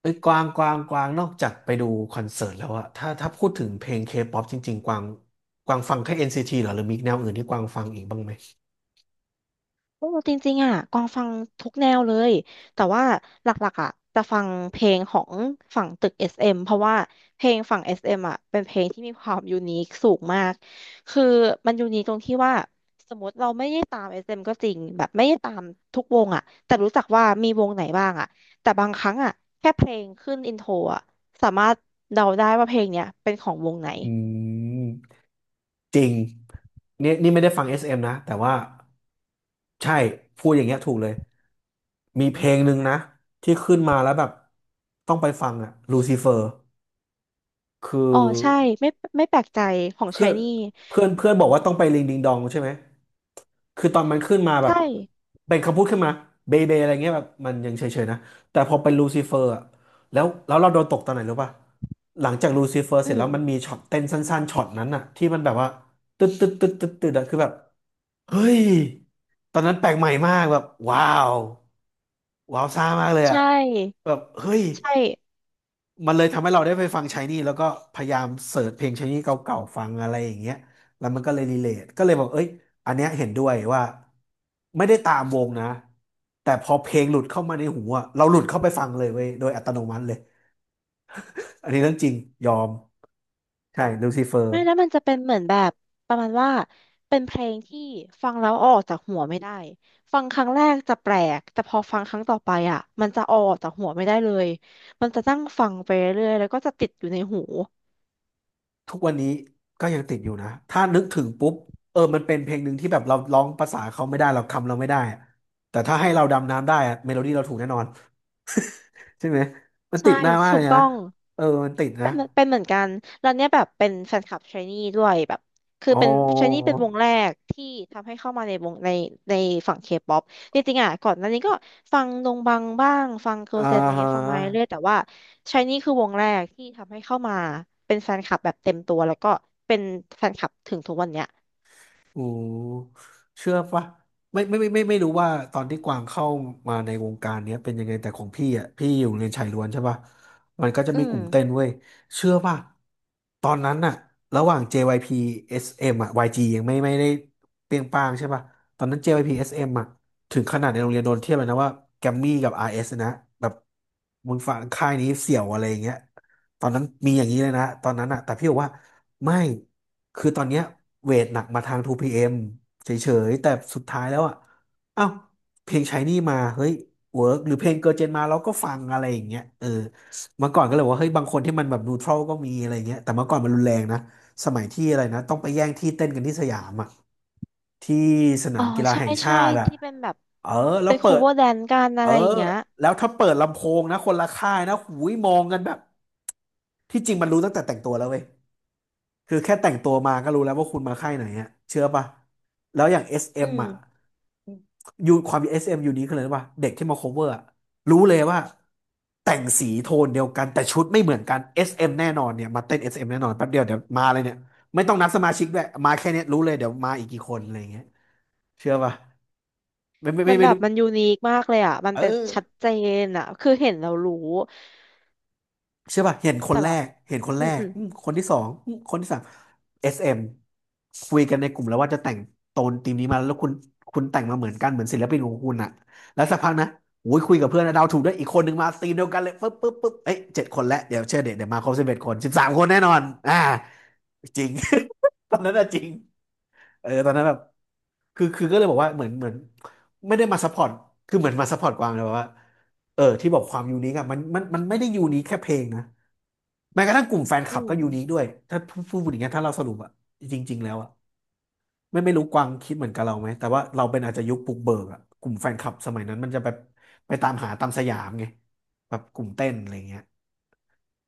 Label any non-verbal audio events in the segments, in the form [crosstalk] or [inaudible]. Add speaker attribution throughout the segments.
Speaker 1: เอ้ยกวางกวางกวางนอกจากไปดูคอนเสิร์ตแล้วอะถ้าพูดถึงเพลงเคป๊อปจริงๆกวางกวางฟังแค่ NCT เหรอหรือมีแนวอื่นที่กวางฟังอีกบ้างไหม
Speaker 2: โอ้จริงๆอ่ะกวางฟังทุกแนวเลย แต่ว่าหลักๆอ่ะจะฟังเพลงของฝั่งตึก SM เอ็มเพราะว่าเพลงฝั่ง SM อสเอ็มอ่ะเป็นเพลงที่มีความยูนิคสูงมาก คือมันยูนิคตรงที่ว่าสมมติเราไม่ได้ตาม SM ก็จริงแบบไม่ได้ตามทุกวงอ่ะแต่รู้จักว่ามีวงไหนบ้างอ่ะแต่บางครั้งอ่ะแค่เพลงขึ้นอินโทรอ่ะสามารถเดาได้ว่าเพลงเนี้ยเป็นของวงไหน
Speaker 1: อืมจริงนี่ไม่ได้ฟัง SM นะแต่ว่าใช่พูดอย่างเงี้ยถูกเลยมีเพลงหนึ่งนะที่ขึ้นมาแล้วแบบต้องไปฟังอะลูซิเฟอร์คือ
Speaker 2: อ๋อใช่ไม่ไม่แปลกใจของ
Speaker 1: เพื่
Speaker 2: ชา
Speaker 1: อ
Speaker 2: ย
Speaker 1: น
Speaker 2: นี่
Speaker 1: เพื่อนเพื่อนบอกว่าต้องไปลิงดิงดองใช่ไหมคือตอนมันขึ้นมาแบบ
Speaker 2: ใช่
Speaker 1: เป็นคำพูดขึ้นมาเบเบอะไรเงี้ยแบบมันยังเฉยๆนะ แต่พอเป็นลูซิเฟอร์อะแล้วเราโดนตกตอนไหนรู้ป่ะ หลังจากลูซิเฟอร์เส
Speaker 2: อื
Speaker 1: ร็จ
Speaker 2: ม
Speaker 1: แล้วมันมีช็อตเต้นสั้นๆช็อตนั้นอะที่มันแบบว่าตึ๊ดตึ๊ดตึ๊ดตึ๊ดตึ๊ดอะคือแบบเฮ้ยตอนนั้นแปลกใหม่มากแบบว้าวว้าวซ่ามากเลยอะ
Speaker 2: ใช่
Speaker 1: แบบเฮ้ย
Speaker 2: ใช่
Speaker 1: มันเลยทำให้เราได้ไปฟังชายนี่แล้วก็พยายามเสิร์ชเพลงชายนี่เก่าๆฟังอะไรอย่างเงี้ยแล้วมันก็เลยรีเลทก็เลยบอกเอ้ยอันเนี้ยเห็นด้วยว่าไม่ได้ตามวงนะแต่พอเพลงหลุดเข้ามาในหูอะเราหลุดเข้าไปฟังเลยเว้ยโดยอัตโนมัติเลยอันนี้เรื่องจริงยอมใช่ลูซิเฟอร์
Speaker 2: ไม่แล้วมันจะเป็นเหมือนแบบประมาณว่าเป็นเพลงที่ฟังแล้วเอาออกจากหัวไม่ได้ฟังครั้งแรกจะแปลกแต่พอฟังครั้งต่อไปอ่ะมันจะเอาออกจากหัวไม่ได้เลยมันจะนั่งฟังไปเรื่อยๆแล้วก็จะติดอยู่ในหู
Speaker 1: ทุกวันนี้ก็ยังติดอยู่นะถ้านึกถึงปุ๊บเออมันเป็นเพลงหนึ่งที่แบบเราร้องภาษาเขาไม่ได้เราคำเราไม่ได้อะแต่ถ้าให้เราดำน้ำได้อะเมโลดี้เราถูกแน่นอนใช่ไหมมันติ
Speaker 2: ใช่
Speaker 1: ดหน้ามาก
Speaker 2: ถู
Speaker 1: เล
Speaker 2: ก
Speaker 1: ยนะ
Speaker 2: ต้อง
Speaker 1: เออมันติดนะ
Speaker 2: เป็นเหมือนเป็นเหมือนกันแล้วเนี่ยแบบเป็นแฟนคลับชายนี่ด้วยแบบคือ
Speaker 1: อ๋อ
Speaker 2: เป็นชายนี่เป็นวงแรกที่ทำให้เข้ามาในวงในฝั่งเคป๊อปจริงๆอ่ะก่อนหน้านี้ก็ฟังดงบังบ้างฟังเกิร์
Speaker 1: อ่า
Speaker 2: ลเซนอะไร
Speaker 1: ฮะ
Speaker 2: เงี้ยฟังมาเรื่อยๆแต่ว่าชายนี่คือวงแรกที่ทำให้เข้ามาเป็นแฟนคลับแบบเต็มตัวแล้วก็เป็นแฟนคลับถึงทุกวันเนี้ย
Speaker 1: โอ้เชื่อปะไม่รู้ว่าตอนที่กวางเข้ามาในวงการเนี้ยเป็นยังไงแต่ของพี่อ่ะพี่อยู่โรงเรียนชายล้วนใช่ปะมันก็จะ
Speaker 2: อื
Speaker 1: มีก
Speaker 2: ม
Speaker 1: ลุ่มเต้นเว้ยเชื่อปะตอนนั้นน่ะระหว่าง JYP SM อสเอ็มอ่ะ YG ยจียังไม่ได้เปรี้ยงป้างใช่ปะตอนนั้น JYP SM อสเอ็มอ่ะถึงขนาดในโรงเรียนโดนเทียบเลยนะว่าแกมมี่กับ RS นะแบบมึงฝั่งค่ายนี้เสี่ยวอะไรอย่างเงี้ยตอนนั้นมีอย่างนี้เลยนะตอนนั้นอ่ะแต่พี่บอกว่า ไม่ คือตอนเนี้ยเวทหนักมาทางทูพีเอมเฉยๆแต่สุดท้ายแล้วอ่ะเอ้าเพลง Shiny มาเฮ้ยเวิร์กหรือเพลงเกิร์ลเจนมาเราก็ฟังอะไรอย่างเงี้ยเออเมื่อก่อนก็เลยว่าเฮ้ยบางคนที่มันแบบนูทรัลก็มีอะไรเงี้ยแต่เมื่อก่อนมันรุนแรงนะสมัยที่อะไรนะต้องไปแย่งที่เต้นกันที่สยามอ่ะที่สนา
Speaker 2: อ๋อ
Speaker 1: มกีฬา
Speaker 2: ใช่
Speaker 1: แห่งชา
Speaker 2: ใช่
Speaker 1: ติอ่ะ
Speaker 2: ที่เป็นแบบ
Speaker 1: เออแล้
Speaker 2: เป็
Speaker 1: ว
Speaker 2: นโค
Speaker 1: เปิด
Speaker 2: เวอร์แดนกัน
Speaker 1: เอ
Speaker 2: อะ
Speaker 1: อ
Speaker 2: ไรอย่างเงี้ย
Speaker 1: แล้วถ้าเปิดลำโพงนะคนละค่ายนะหูยมองกันแบบที่จริงมันรู้ตั้งแต่แต่งตัวแล้วเว้ย คือแค่แต่งตัวมาก็รู้แล้วว่าคุณมาค่ายไหนอะเชื่อป่ะแล้วอย่างเอสเอ
Speaker 2: อืม
Speaker 1: ่ะยูความเอสเอ็มยูนี้คืออะไรรู้ป่ะเด็กที่มา cover อะรู้เลยว่าแต่งสีโทนเดียวกันแต่ชุดไม่เหมือนกันเอสเอ็มแน่นอนเนี่ยมาเต้นเอสเอ็มแน่นอนแป๊บเดียวเดี๋ยวมาเลยเนี่ยไม่ต้องนับสมาชิกด้วยมาแค่เนี้ยรู้เลยเดี๋ยวมาอีกกี่คนอะไรอย่างเงี้ยเชื่อป่ะไม่ไม่
Speaker 2: มั
Speaker 1: ไม่
Speaker 2: น
Speaker 1: ไม่
Speaker 2: แบบ
Speaker 1: รู้
Speaker 2: มันยูนิคมากเลยอ่ะมัน
Speaker 1: เอ
Speaker 2: แบบชัด
Speaker 1: อ
Speaker 2: เจนอ่ะคือเห็นเรารู้
Speaker 1: เชื่อป่ะเห็นค
Speaker 2: แต่
Speaker 1: นแร
Speaker 2: แบบ
Speaker 1: กเห็นคน
Speaker 2: อื
Speaker 1: แร
Speaker 2: ม
Speaker 1: ก
Speaker 2: อืม
Speaker 1: อืมคนที่สองอืมคนที่สาม SM คุยกันในกลุ่มแล้วว่าจะแต่งโทนธีมนี้มาแล้วคุณแต่งมาเหมือนกันเหมือนศิลปินของคุณอะแล้วสักพักนะโอ้ยคุยกับเพื่อนนะเดาถูกด้วยอีกคนหนึ่งมาธีมเดียวกันเลยปึ๊บปึ๊บปึ๊บเอ้ย7 คนแล้วเดี๋ยวเชื่อเดี๋ยวเดี๋ยวมาครบ11 คน13 คนแน่นอนอ่าจริง [laughs] ตอนนั้นอะจริง เออตอนนั้นแบบคือก็เลยบอกว่าเหมือนไม่ได้มาซัพพอร์ตคือเหมือนมาซัพพอร์ตกวางเลยว่าเออที่บอกความยูนิคอะมันไม่ได้ยูนิคแค่เพลงนะแม้กระทั่งกลุ่มแฟนค
Speaker 2: อื
Speaker 1: ลับก็
Speaker 2: ม
Speaker 1: ยูนิคด้วยถ้าพูดอย่างเงี้ยถ้าเราสรุปอะจริงๆแล้วอะไม่รู้กวางคิดเหมือนกับเราไหมแต่ว่าเราเป็นอาจจะยุคปลุกเบิกอะกลุ่มแฟนคลับสมัยนั้นมันจะแบบไปตามหาตามสยามไงแบบกลุ่มเต้นอะไรเงี้ย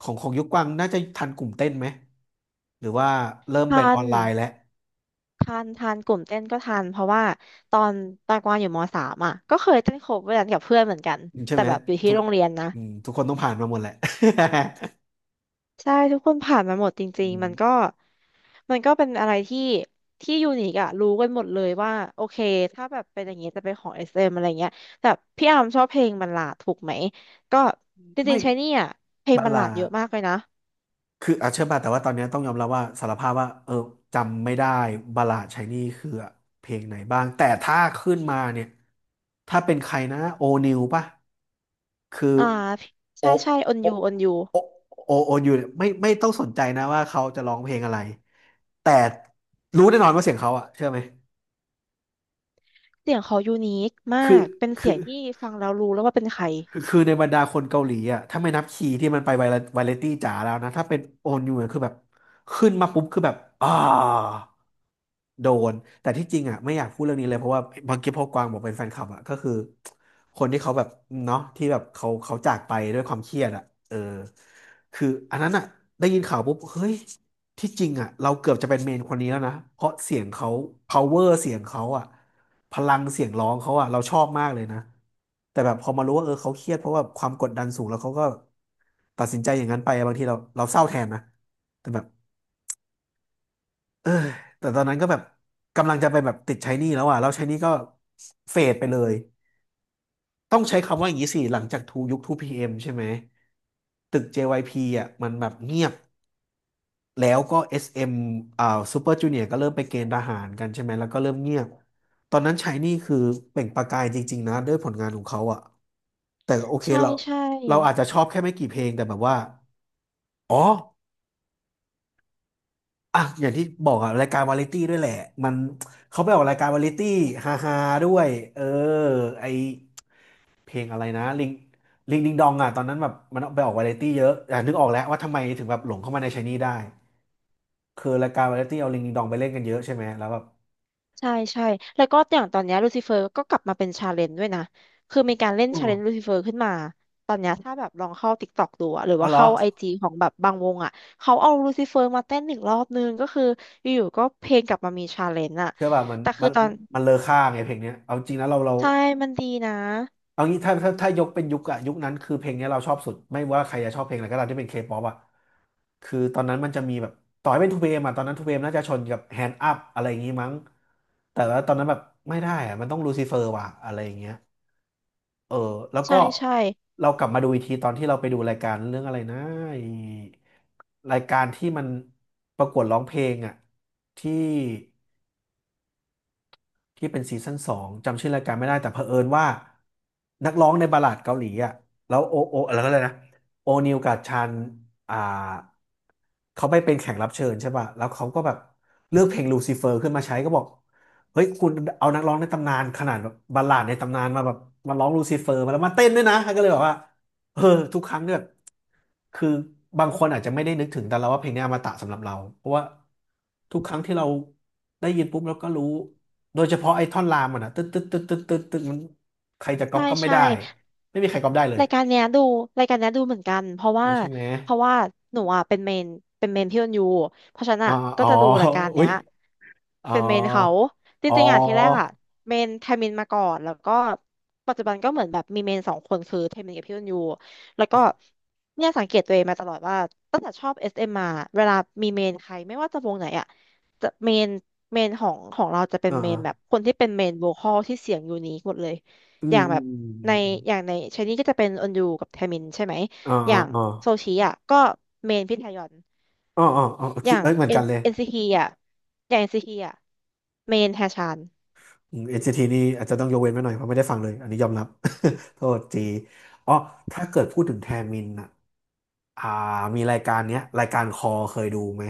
Speaker 1: ของยุคกวางน่าจะทันกลุ่มเต้นไหมหรือว่าเริ่ม
Speaker 2: ทั
Speaker 1: เป็นออ
Speaker 2: น
Speaker 1: นไลน์แล้ว
Speaker 2: ทันกลุ่มเต้นก็ทันเพราะว่าตอนตากวางอยู่มสามอ่ะก็เคยเต้นโคเวอร์กันกับเพื่อนเหมือนกัน
Speaker 1: ใช่
Speaker 2: แต่
Speaker 1: ไหม
Speaker 2: แบบอยู่ที่
Speaker 1: ทุก
Speaker 2: โรงเรียนนะ
Speaker 1: อืมทุกคนต้องผ่านมาหมดแหละ
Speaker 2: ใช่ทุกคนผ่านมาหมดจ
Speaker 1: [laughs] อื
Speaker 2: ริงๆ
Speaker 1: ม
Speaker 2: มันก็เป็นอะไรที่ยูนิคอะรู้กันหมดเลยว่าโอเคถ้าแบบเป็นอย่างนี้จะเป็นของ SM อสเอ็มอะไรเงี้ยแต่พี่อาร์มชอบเพลงบัลลาดถูกไหม ก็จริ
Speaker 1: ไม่
Speaker 2: งๆใช้นี่อะเพลง
Speaker 1: บัล
Speaker 2: บัลลา
Speaker 1: ลา
Speaker 2: ดเยอะ
Speaker 1: ด
Speaker 2: มากเลยนะ
Speaker 1: คืออาเชื่อป่ะแต่ว่าตอนนี้ต้องยอมรับว่าสารภาพว่าจำไม่ได้บัลลาดไชายนี่คือเพลงไหนบ้างแต่ถ้าขึ้นมาเนี่ยถ้าเป็นใครนะโอนิวป่ะคือ
Speaker 2: อ่า
Speaker 1: โอ
Speaker 2: ใช่ใช่อน
Speaker 1: โอ
Speaker 2: ยูอนยู
Speaker 1: โอโอยูเนี่ยไม่ต้องสนใจนะว่าเขาจะร้องเพลงอะไรแต่รู้แน่นอนว่าเสียงเขาอะเชื่อไหม
Speaker 2: เสียงเขายูนิคมา
Speaker 1: คือ
Speaker 2: ก เป็นเสี
Speaker 1: คื
Speaker 2: ยง
Speaker 1: อ
Speaker 2: ที่ฟังแล้วรู้แล้วว่าเป็นใคร
Speaker 1: คือในบรรดาคนเกาหลีอ่ะถ้าไม่นับคีย์ที่มันไปไวเลตี้จ๋าแล้วนะถ้าเป็นโอนยู่คือแบบขึ้นมาปุ๊บคือแบบโดนแต่ที่จริงอ่ะไม่อยากพูดเรื่องนี้เลยเพราะว่าบางทีพอกวางบอกเป็นแฟนคลับอ่ะก็คือคนที่เขาแบบเนาะที่แบบเขาจากไปด้วยความเครียดอ่ะเออคืออันนั้นอ่ะได้ยินข่าวปุ๊บเฮ้ยที่จริงอ่ะเราเกือบจะเป็นเมนคนนี้แล้วนะเพราะเสียงเขา power เสียงเขาอ่ะพลังเสียงร้องเขาอ่ะเราชอบมากเลยนะแต่แบบพอมารู้ว่าเออเขาเครียดเพราะว่าความกดดันสูงแล้วเขาก็ตัดสินใจอย่างนั้นไปอะบางทีเราเศร้าแทนนะแต่แบบ เออแต่ตอนนั้นก็แบบกำลังจะไปแบบติดใช้หนี้แล้วอ่ะแล้วใช้หนี้ก็เฟดไปเลยต้องใช้คำว่าอย่างนี้สิหลังจากทูยุคทพีเอ็มใช่ไหมตึก JYP อ่ะมันแบบเงียบแล้วก็ SM อสเอ็มอ่าซูเปอร์จูเนียร์ก็เริ่มไปเกณฑ์ทหารกันใช่ไหมแล้วก็เริ่มเงียบตอนนั้นใช้หนี่คือเปล่งประกายจริงๆนะด้วยผลงานของเขาอ่ะแต่โอเค
Speaker 2: ใช่
Speaker 1: เรา
Speaker 2: ใช่
Speaker 1: เราอาจจะชอบแค่ไม่กี่เพลงแต่แบบว่าอ๋อ อ่ะอย่างที่บอกอะรายการวาไรตี้ด้วยแหละมันเขาไปออกรายการวาไรตี้ฮาฮาด้วยเออไอเพลงอะไรนะลิงดิงดองอะตอนนั้นแบบมันไปออกวาไรตี้เยอะอ่ะนึกออกแล้วว่าทำไมถึงแบบหลงเข้ามาในไชนี่ได้คือรายการวาไรตี้เอาลิงดิงดองไปเล่นกันเยอะใช่ไหมแล้วแบบ
Speaker 2: ใช่แล้วก็อย่างตอนเนี้ลูซิเฟอร์ก็กลับมาเป็นชาเลนจ์ด้วยนะ คือมีการเล่น
Speaker 1: อ๋
Speaker 2: ชาเลนจ์ลู
Speaker 1: อ
Speaker 2: ซิเฟอร์ขึ้นมา ตอนเนี้ยถ้าแบบลองเข้า TikTok ดูอะหรือ
Speaker 1: เอา
Speaker 2: ว่า
Speaker 1: เหรอ
Speaker 2: เข้าไอจีของแบบบางวงอะเขาเอาลูซิเฟอร์มาเต้นหนึ่งรอบนึงก็คืออยู่ๆก็เพลงกลับมามีชาเลนจ์อะ
Speaker 1: เชื่อป่ะมัน
Speaker 2: แต่คื
Speaker 1: มั
Speaker 2: อ
Speaker 1: น
Speaker 2: ตอน
Speaker 1: มันเลอค่าไงเพลงเนี้ยเอาจริงนะเราเรา
Speaker 2: ใช่มันดีนะ
Speaker 1: เอางี้ถ้ายกเป็นยุคอะยุคนั้นคือเพลงเนี้ยเราชอบสุดไม่ว่าใครจะชอบเพลงอะไรก็ตามที่เป็นเคป๊อปอะคือตอนนั้นมันจะมีแบบต่อให้เป็นทูเพมอะตอนนั้นทูเพน่าจะชนกับแฮนด์อัพอะไรอย่างงี้มั้งแต่ว่าตอนนั้นแบบไม่ได้อะมันต้องลูซิเฟอร์ว่ะอะไรอย่างเงี้ยเออแล้วก็
Speaker 2: ใช่ใช่
Speaker 1: เรากลับมาดูอีกทีตอนที่เราไปดูรายการเรื่องอะไรนะไอ้รายการที่มันประกวดร้องเพลงอะที่ ที่เป็นซีซั่นสองจำชื่อรายการไม่ได้แต่เผอิญว่านักร้องในบัลลาดเกาหลีอ่ะแล้วโอโอแล้วก็เลยนะโอนิวกับชันอ่าเขาไปเป็นแขกรับเชิญใช่ป่ะแล้วเขาก็แบบเลือกเพลงลูซิเฟอร์ขึ้นมาใช้ก็บอกเฮ้ยคุณเอานักร้องในตำนานขนาดแบบบัลลาดในตำนานมาแบบมาร้องลูซิเฟอร์มาแล้วมาเต้นด้วยนะก็เลยบอกว่าเออทุกครั้งเนี่ย คือบางคนอาจจะไม่ได้นึกถึงแต่เราว่าเพลงนี้อมตะสำหรับเราเพราะว่าทุกครั้งที่เราได้ยินปุ๊บเราก็รู้โดยเฉพาะไอ้ท่อนรามมันอะตึ๊ดตึ๊ดตึ๊ดตึ๊ดตึ๊ดตึ๊ดมันใครจะก๊อ
Speaker 2: ใช่
Speaker 1: ปก็ไม่
Speaker 2: ใช่
Speaker 1: ได้ไม่มีใครก๊อปได้เลย
Speaker 2: รายการเนี้ยดูรายการเนี้ยดูเหมือนกันเพราะว่า
Speaker 1: รู้ใช่ไหม
Speaker 2: เพราะว่าหนูอ่ะเป็นเมนเป็นเมนพี่ออนยูเพราะฉะนัน
Speaker 1: อ๋อ
Speaker 2: อ่ะก็
Speaker 1: อ๋อ
Speaker 2: จะดูรายการ
Speaker 1: อุ้
Speaker 2: เนี้
Speaker 1: ย
Speaker 2: ย
Speaker 1: อ๋อ
Speaker 2: เป็นเมนเขาจ
Speaker 1: อ๋อ
Speaker 2: ริงๆอ่ะทีแรกอ่ะเมนไทมินมาก่อนแล้วก็ปัจจุบันก็เหมือนแบบมีเมนสองคนคือไทมินกับพี่ออนยูแล้วก็เนี่ยสังเกตตัวเองมาตลอดว่าตั้งแต่ชอบเอสเอ็มมาเวลามีเมนใครไม่ว่าจะวงไหนอ่ะจะเมนเมนของเราจะเป็น
Speaker 1: อ่
Speaker 2: เมนแบบ
Speaker 1: า
Speaker 2: คนที่เป็นเมนโวคอลที่เสียงยูนิคหมดเลย
Speaker 1: อื
Speaker 2: อ
Speaker 1: ม
Speaker 2: ย่าง
Speaker 1: อื
Speaker 2: แบ
Speaker 1: ม
Speaker 2: บ
Speaker 1: อืม
Speaker 2: ใน
Speaker 1: อืม
Speaker 2: อย่างในชายนี่ก็จะเป็นออนยูกับแทมินใช่ไหม
Speaker 1: อ่า
Speaker 2: อ
Speaker 1: อ่า
Speaker 2: ย่าง
Speaker 1: อ่า
Speaker 2: โซชิอ่ะก็เมนพี่ทยอน
Speaker 1: อ๋ออ๋ออ๋อ
Speaker 2: อ
Speaker 1: คิ
Speaker 2: ย่า
Speaker 1: ด
Speaker 2: ง
Speaker 1: เอ้ยเหมือน
Speaker 2: เอ็
Speaker 1: กั
Speaker 2: น
Speaker 1: นเลย
Speaker 2: เอ็นซีทีอ่ะอย่างเอ็นซีทีอ่ะเมนแฮชาน
Speaker 1: อืม NCT นซีทีนี่อาจจะต้องยกเว้นไว้หน่อยเพราะไม่ได้ฟังเลยอันนี้ยอมรับ [laughs] โทษทีอ๋อถ้าเกิดพูดถึงแทมินอะ อ่ามีรายการเนี้ยรายการคอเคยดูไหม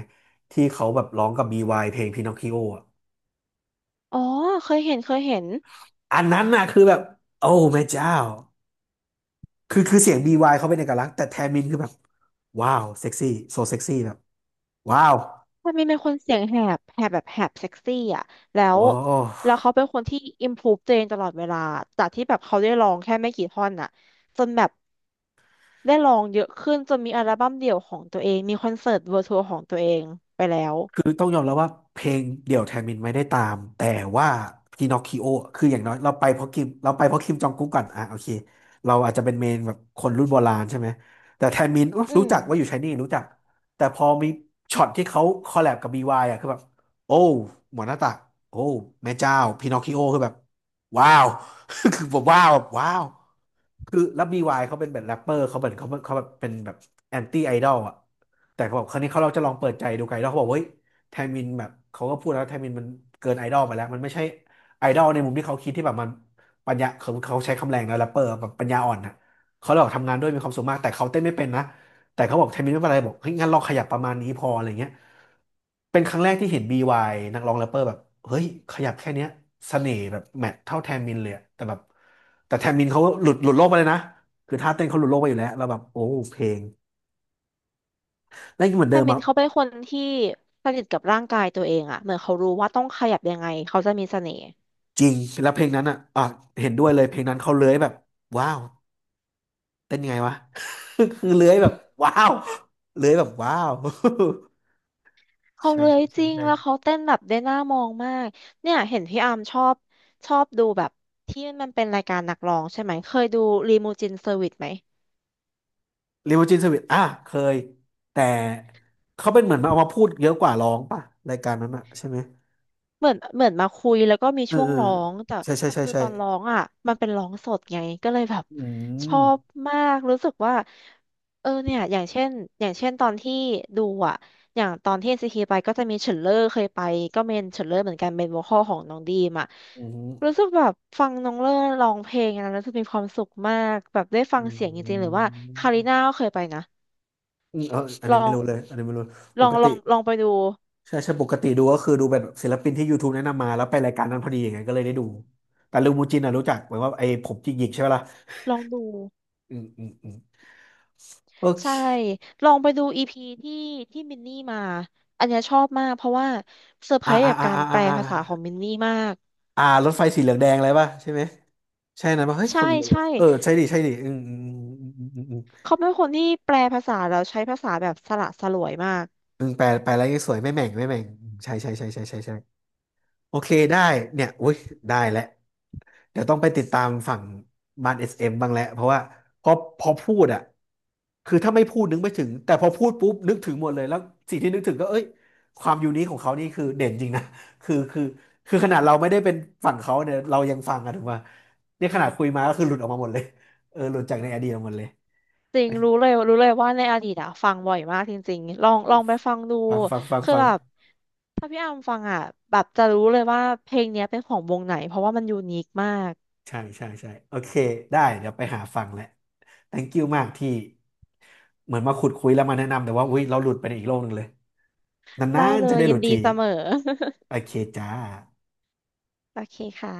Speaker 1: ที่เขาแบบร้องกับ BY เพลงพินอคคิโออ่ะ
Speaker 2: อ๋อเคยเห็น
Speaker 1: อันนั้นน่ะคือแบบโอ้แม่เจ้าคือเสียง BY เขาเป็นเอกลักษณ์แต่แทมินคือแบบว้าวเซ็กซี่โซเซ็กซี่แบบว้าว
Speaker 2: มันมีเป็นคนเสียงแหบแบบแหบเซ็กซี่อ่ะแล้ว
Speaker 1: โอ้
Speaker 2: แล้วเขาเป็นคนที่ improve ตัวเองตลอดเวลาจากที่แบบเขาได้ลองแค่ไม่กี่ท่อนอ่ะจนแบบได้ลองเยอะขึ้นจนมีอัลบั้มเดี่ยวของตัวเองมีคอนเสิร์ตเวอร์ทัวร์ของตัวเองไปแล้ว
Speaker 1: คือต้องยอมรับว่าเพลงเดี่ยวแทนมินไม่ได้ตามแต่ว่าพินอคคิโอคืออย่างน้อยเราไปเพราะคิมเราไปเพราะคิมจองกุ๊กก่อนอ่ะโอเคเราอาจจะเป็นเมนแบบคนรุ่นโบราณใช่ไหมแต่แทนมินอุ๊ย
Speaker 2: อื
Speaker 1: รู้
Speaker 2: ม
Speaker 1: จักว่าอยู่ไชนี่รู้จักแต่พอมีช็อตที่เขาคอลแลบกับ BY อ่ะคือแบบโอ้หมอหน้าตักโอ้แม่เจ้าพินอคคิโอคือแบบว้าว [laughs] คือผมว้าวแบบว้าวคือแล้วบีวายเขาเป็นแบบแรปเปอร์เขาเหมนเขาเขาแบบเป็นแบบแอนตี้ไอดอลอ่ะแต่เขาบอกครั้งนี้เขาเราจะลองเปิดใจดูไกดอลวเขาบอกเฮ้ย แทมินแบบเขาก็พูดแล้วแทมินมันเกินไอดอลไปแล้วมันไม่ใช่ไอดอลในมุมที่เขาคิดที่แบบมันปัญญาเขาใช้คำแรงแล้วแรปเปอร์แบบปัญญาอ่อนนะเขาเลยบอกทำงานด้วยมีความสุขมากแต่เขาเต้นไม่เป็นนะแต่เขาบอกแทมินไม่เป็นไรบอกเฮ้ยงั้นลองขยับประมาณนี้พออะไรเงี้ยเป็นครั้งแรกที่เห็น BY นักร้องแรปเปอร์แบบเฮ้ยขยับแค่เนี้ยเสน่ห์แบบแมทเท่าแทมินเลยอะแต่แบบแต่แทมินเขาหลุดโลกไปเลยนะคือท่าเต้นเขาหลุดโลกไปอยู่แล้วเราแล้วแบบโอ้เพลงแล้วเหมือนเดิ
Speaker 2: ไา
Speaker 1: ม
Speaker 2: มิน
Speaker 1: อะ
Speaker 2: เขาเป็นคนที่สนิทกับร่างกายตัวเองอะเหมือนเขารู้ว่าต้องขยับยังไง เขาจะมีเสน่ห์
Speaker 1: จริงแล้วเพลงนั้นอ่ะเห็นด้วยเลยเพลงนั้นเขาเลื้อยแบบว้าวเต้นยังไงวะ [laughs] คือ [laughs] เลื้อยแบบว้าวเลื้อยแบบว้าว [laughs]
Speaker 2: เขา
Speaker 1: ใช่
Speaker 2: เลย
Speaker 1: ใช่
Speaker 2: จ
Speaker 1: ใช่
Speaker 2: ริง
Speaker 1: ใช่
Speaker 2: แล้วเขาเต้นแบบได้น่ามองมากเนี่ยเห็นพี่อาร์มชอบชอบดูแบบที่มันเป็นรายการนักร้องใช่ไหม เคยดูรีมูจินเซอร์วิสไหม
Speaker 1: ลิมูจินสวิตอ่ะเคยแต่เขาเป็นเหมือนมาเอามาพูดเยอะกว่าร้องป่ะรายการนั้นอ่ะใช่ไหม
Speaker 2: เหมือนมาคุยแล้วก็มี
Speaker 1: เออ
Speaker 2: ช่วง
Speaker 1: เออ
Speaker 2: ร้องแต่
Speaker 1: ใช่ใช่
Speaker 2: แต่
Speaker 1: ใช่
Speaker 2: คือ
Speaker 1: ใช่
Speaker 2: ตอนร้องอ่ะมันเป็นร้องสดไงก็เลยแบบ
Speaker 1: อื
Speaker 2: ช
Speaker 1: ม
Speaker 2: อบมากรู้สึกว่าเออเนี่ยอย่างเช่นตอนที่ดูอ่ะอย่างตอนที่ NCT ไปก็จะมีเฉินเล่อเคยไปก็เมนเฉินเล่อเหมือนกันเป็นโวอคอลของน้องดีมอ่ะ
Speaker 1: อื
Speaker 2: รู้
Speaker 1: ม
Speaker 2: สึกแบบฟังน้องเล่อร้องเพลงนะรู้สึกมีความสุขมากแบบได้ฟั
Speaker 1: อื
Speaker 2: งเสียงจริงๆหรือ
Speaker 1: ม
Speaker 2: ว่าคาริน่าก็เคยไปนะ
Speaker 1: อืมเอออัน
Speaker 2: ล
Speaker 1: นี้
Speaker 2: อ
Speaker 1: ไม่
Speaker 2: ง
Speaker 1: รู้เลยอันนี้ไม่รู้ป
Speaker 2: ลอง
Speaker 1: ก
Speaker 2: ล
Speaker 1: ติ
Speaker 2: องลองไปดู
Speaker 1: ใช่ใช่ปกติดูก็คือดูแบบศิลปินที่ YouTube แนะนำมาแล้วไปรายการนั้นพอดีอย่างเงี้ยก็เลยได้ดูแต่ลูมูจินอ่ะรู้จักเหมือนว่าไอ้ผมจิกหยิกใช่ไหมล่ะ
Speaker 2: ลองดู
Speaker 1: อืมอืมอืมโอเค
Speaker 2: ใช่ลองไปดูอีพีที่มินนี่มาอันเนี้ยชอบมากเพราะว่าเซอร์ไพ
Speaker 1: อ่า
Speaker 2: รส์
Speaker 1: อ่า
Speaker 2: กับ
Speaker 1: อ่า
Speaker 2: การ
Speaker 1: อ่า
Speaker 2: แป
Speaker 1: อ่า
Speaker 2: ล
Speaker 1: อ่
Speaker 2: ภาษาของ
Speaker 1: า
Speaker 2: มินนี่มาก
Speaker 1: อ่ารถไฟสีเหลืองแดงอะไรป่ะใช่ไหมใช่นะป่ะเฮ้ย
Speaker 2: ใช่
Speaker 1: คน
Speaker 2: ใช่
Speaker 1: เออใช่ดิใช่ดิอืมอืมอืมอืมอืมอืม
Speaker 2: เขาเป็นคนที่แปลภาษาแล้วใช้ภาษาแบบสละสลวยมาก
Speaker 1: อืมแปลอะไรสวยไม่แหม่งไม่แหม่งใช่ใช่ใช่ใช่ใช่ใช่ โอเคได้เนี่ยอุ้ยได้แล้วเดี๋ยวต้องไปติดตามฝั่งบ้านเอสเอ็มบ้างแล้วเพราะว่าพอพอพูดอ่ะคือถ้าไม่พูดนึกไม่ถึง แต่พอพูดปุ๊บนึกถึงหมดเลย แล้วสิ่งที่นึกถึงก็เอ้ยความยูนิคของเขานี่คือเด่นจริงนะ [laughs] คือคือคือขนาดเราไม่ได้เป็นฝั่งเขาเนี่ยเรายังฟังอะถูกป่ะเนี่ยขนาดคุยมาก็คือหลุดออกมาหมดเลยเออหลุดจากในอดีตออกมาหมดเลย
Speaker 2: จ
Speaker 1: โอ
Speaker 2: ริงรู้
Speaker 1: เค
Speaker 2: เลยรู้เลยว่าในอดีตอะฟังบ่อยมากจริงๆลองไปฟังดู
Speaker 1: ฟังฟังฟัง
Speaker 2: คือ
Speaker 1: ฟัง
Speaker 2: แบบถ้าพี่อามฟังอะแบบจะรู้เลยว่าเพลงเนี้ยเป็นของวงไหนเพราะว่ามันยูนิคมาก
Speaker 1: ใช่ใช่ใช่โอเคได้เดี๋ยวไปหาฟังแหละ thank you มากที่เหมือนมาขุดคุยแล้วมาแนะนำแต่ว่าอุ๊ยเราหลุดไปในอีกโลกหนึ่งเลยนา
Speaker 2: ได้
Speaker 1: น
Speaker 2: เล
Speaker 1: ๆจะ
Speaker 2: ย
Speaker 1: ได้ห
Speaker 2: ยิ
Speaker 1: ลุ
Speaker 2: น
Speaker 1: ด
Speaker 2: ดี
Speaker 1: ที
Speaker 2: เสมอ
Speaker 1: โอเคจ้า
Speaker 2: [laughs] โอเคค่ะ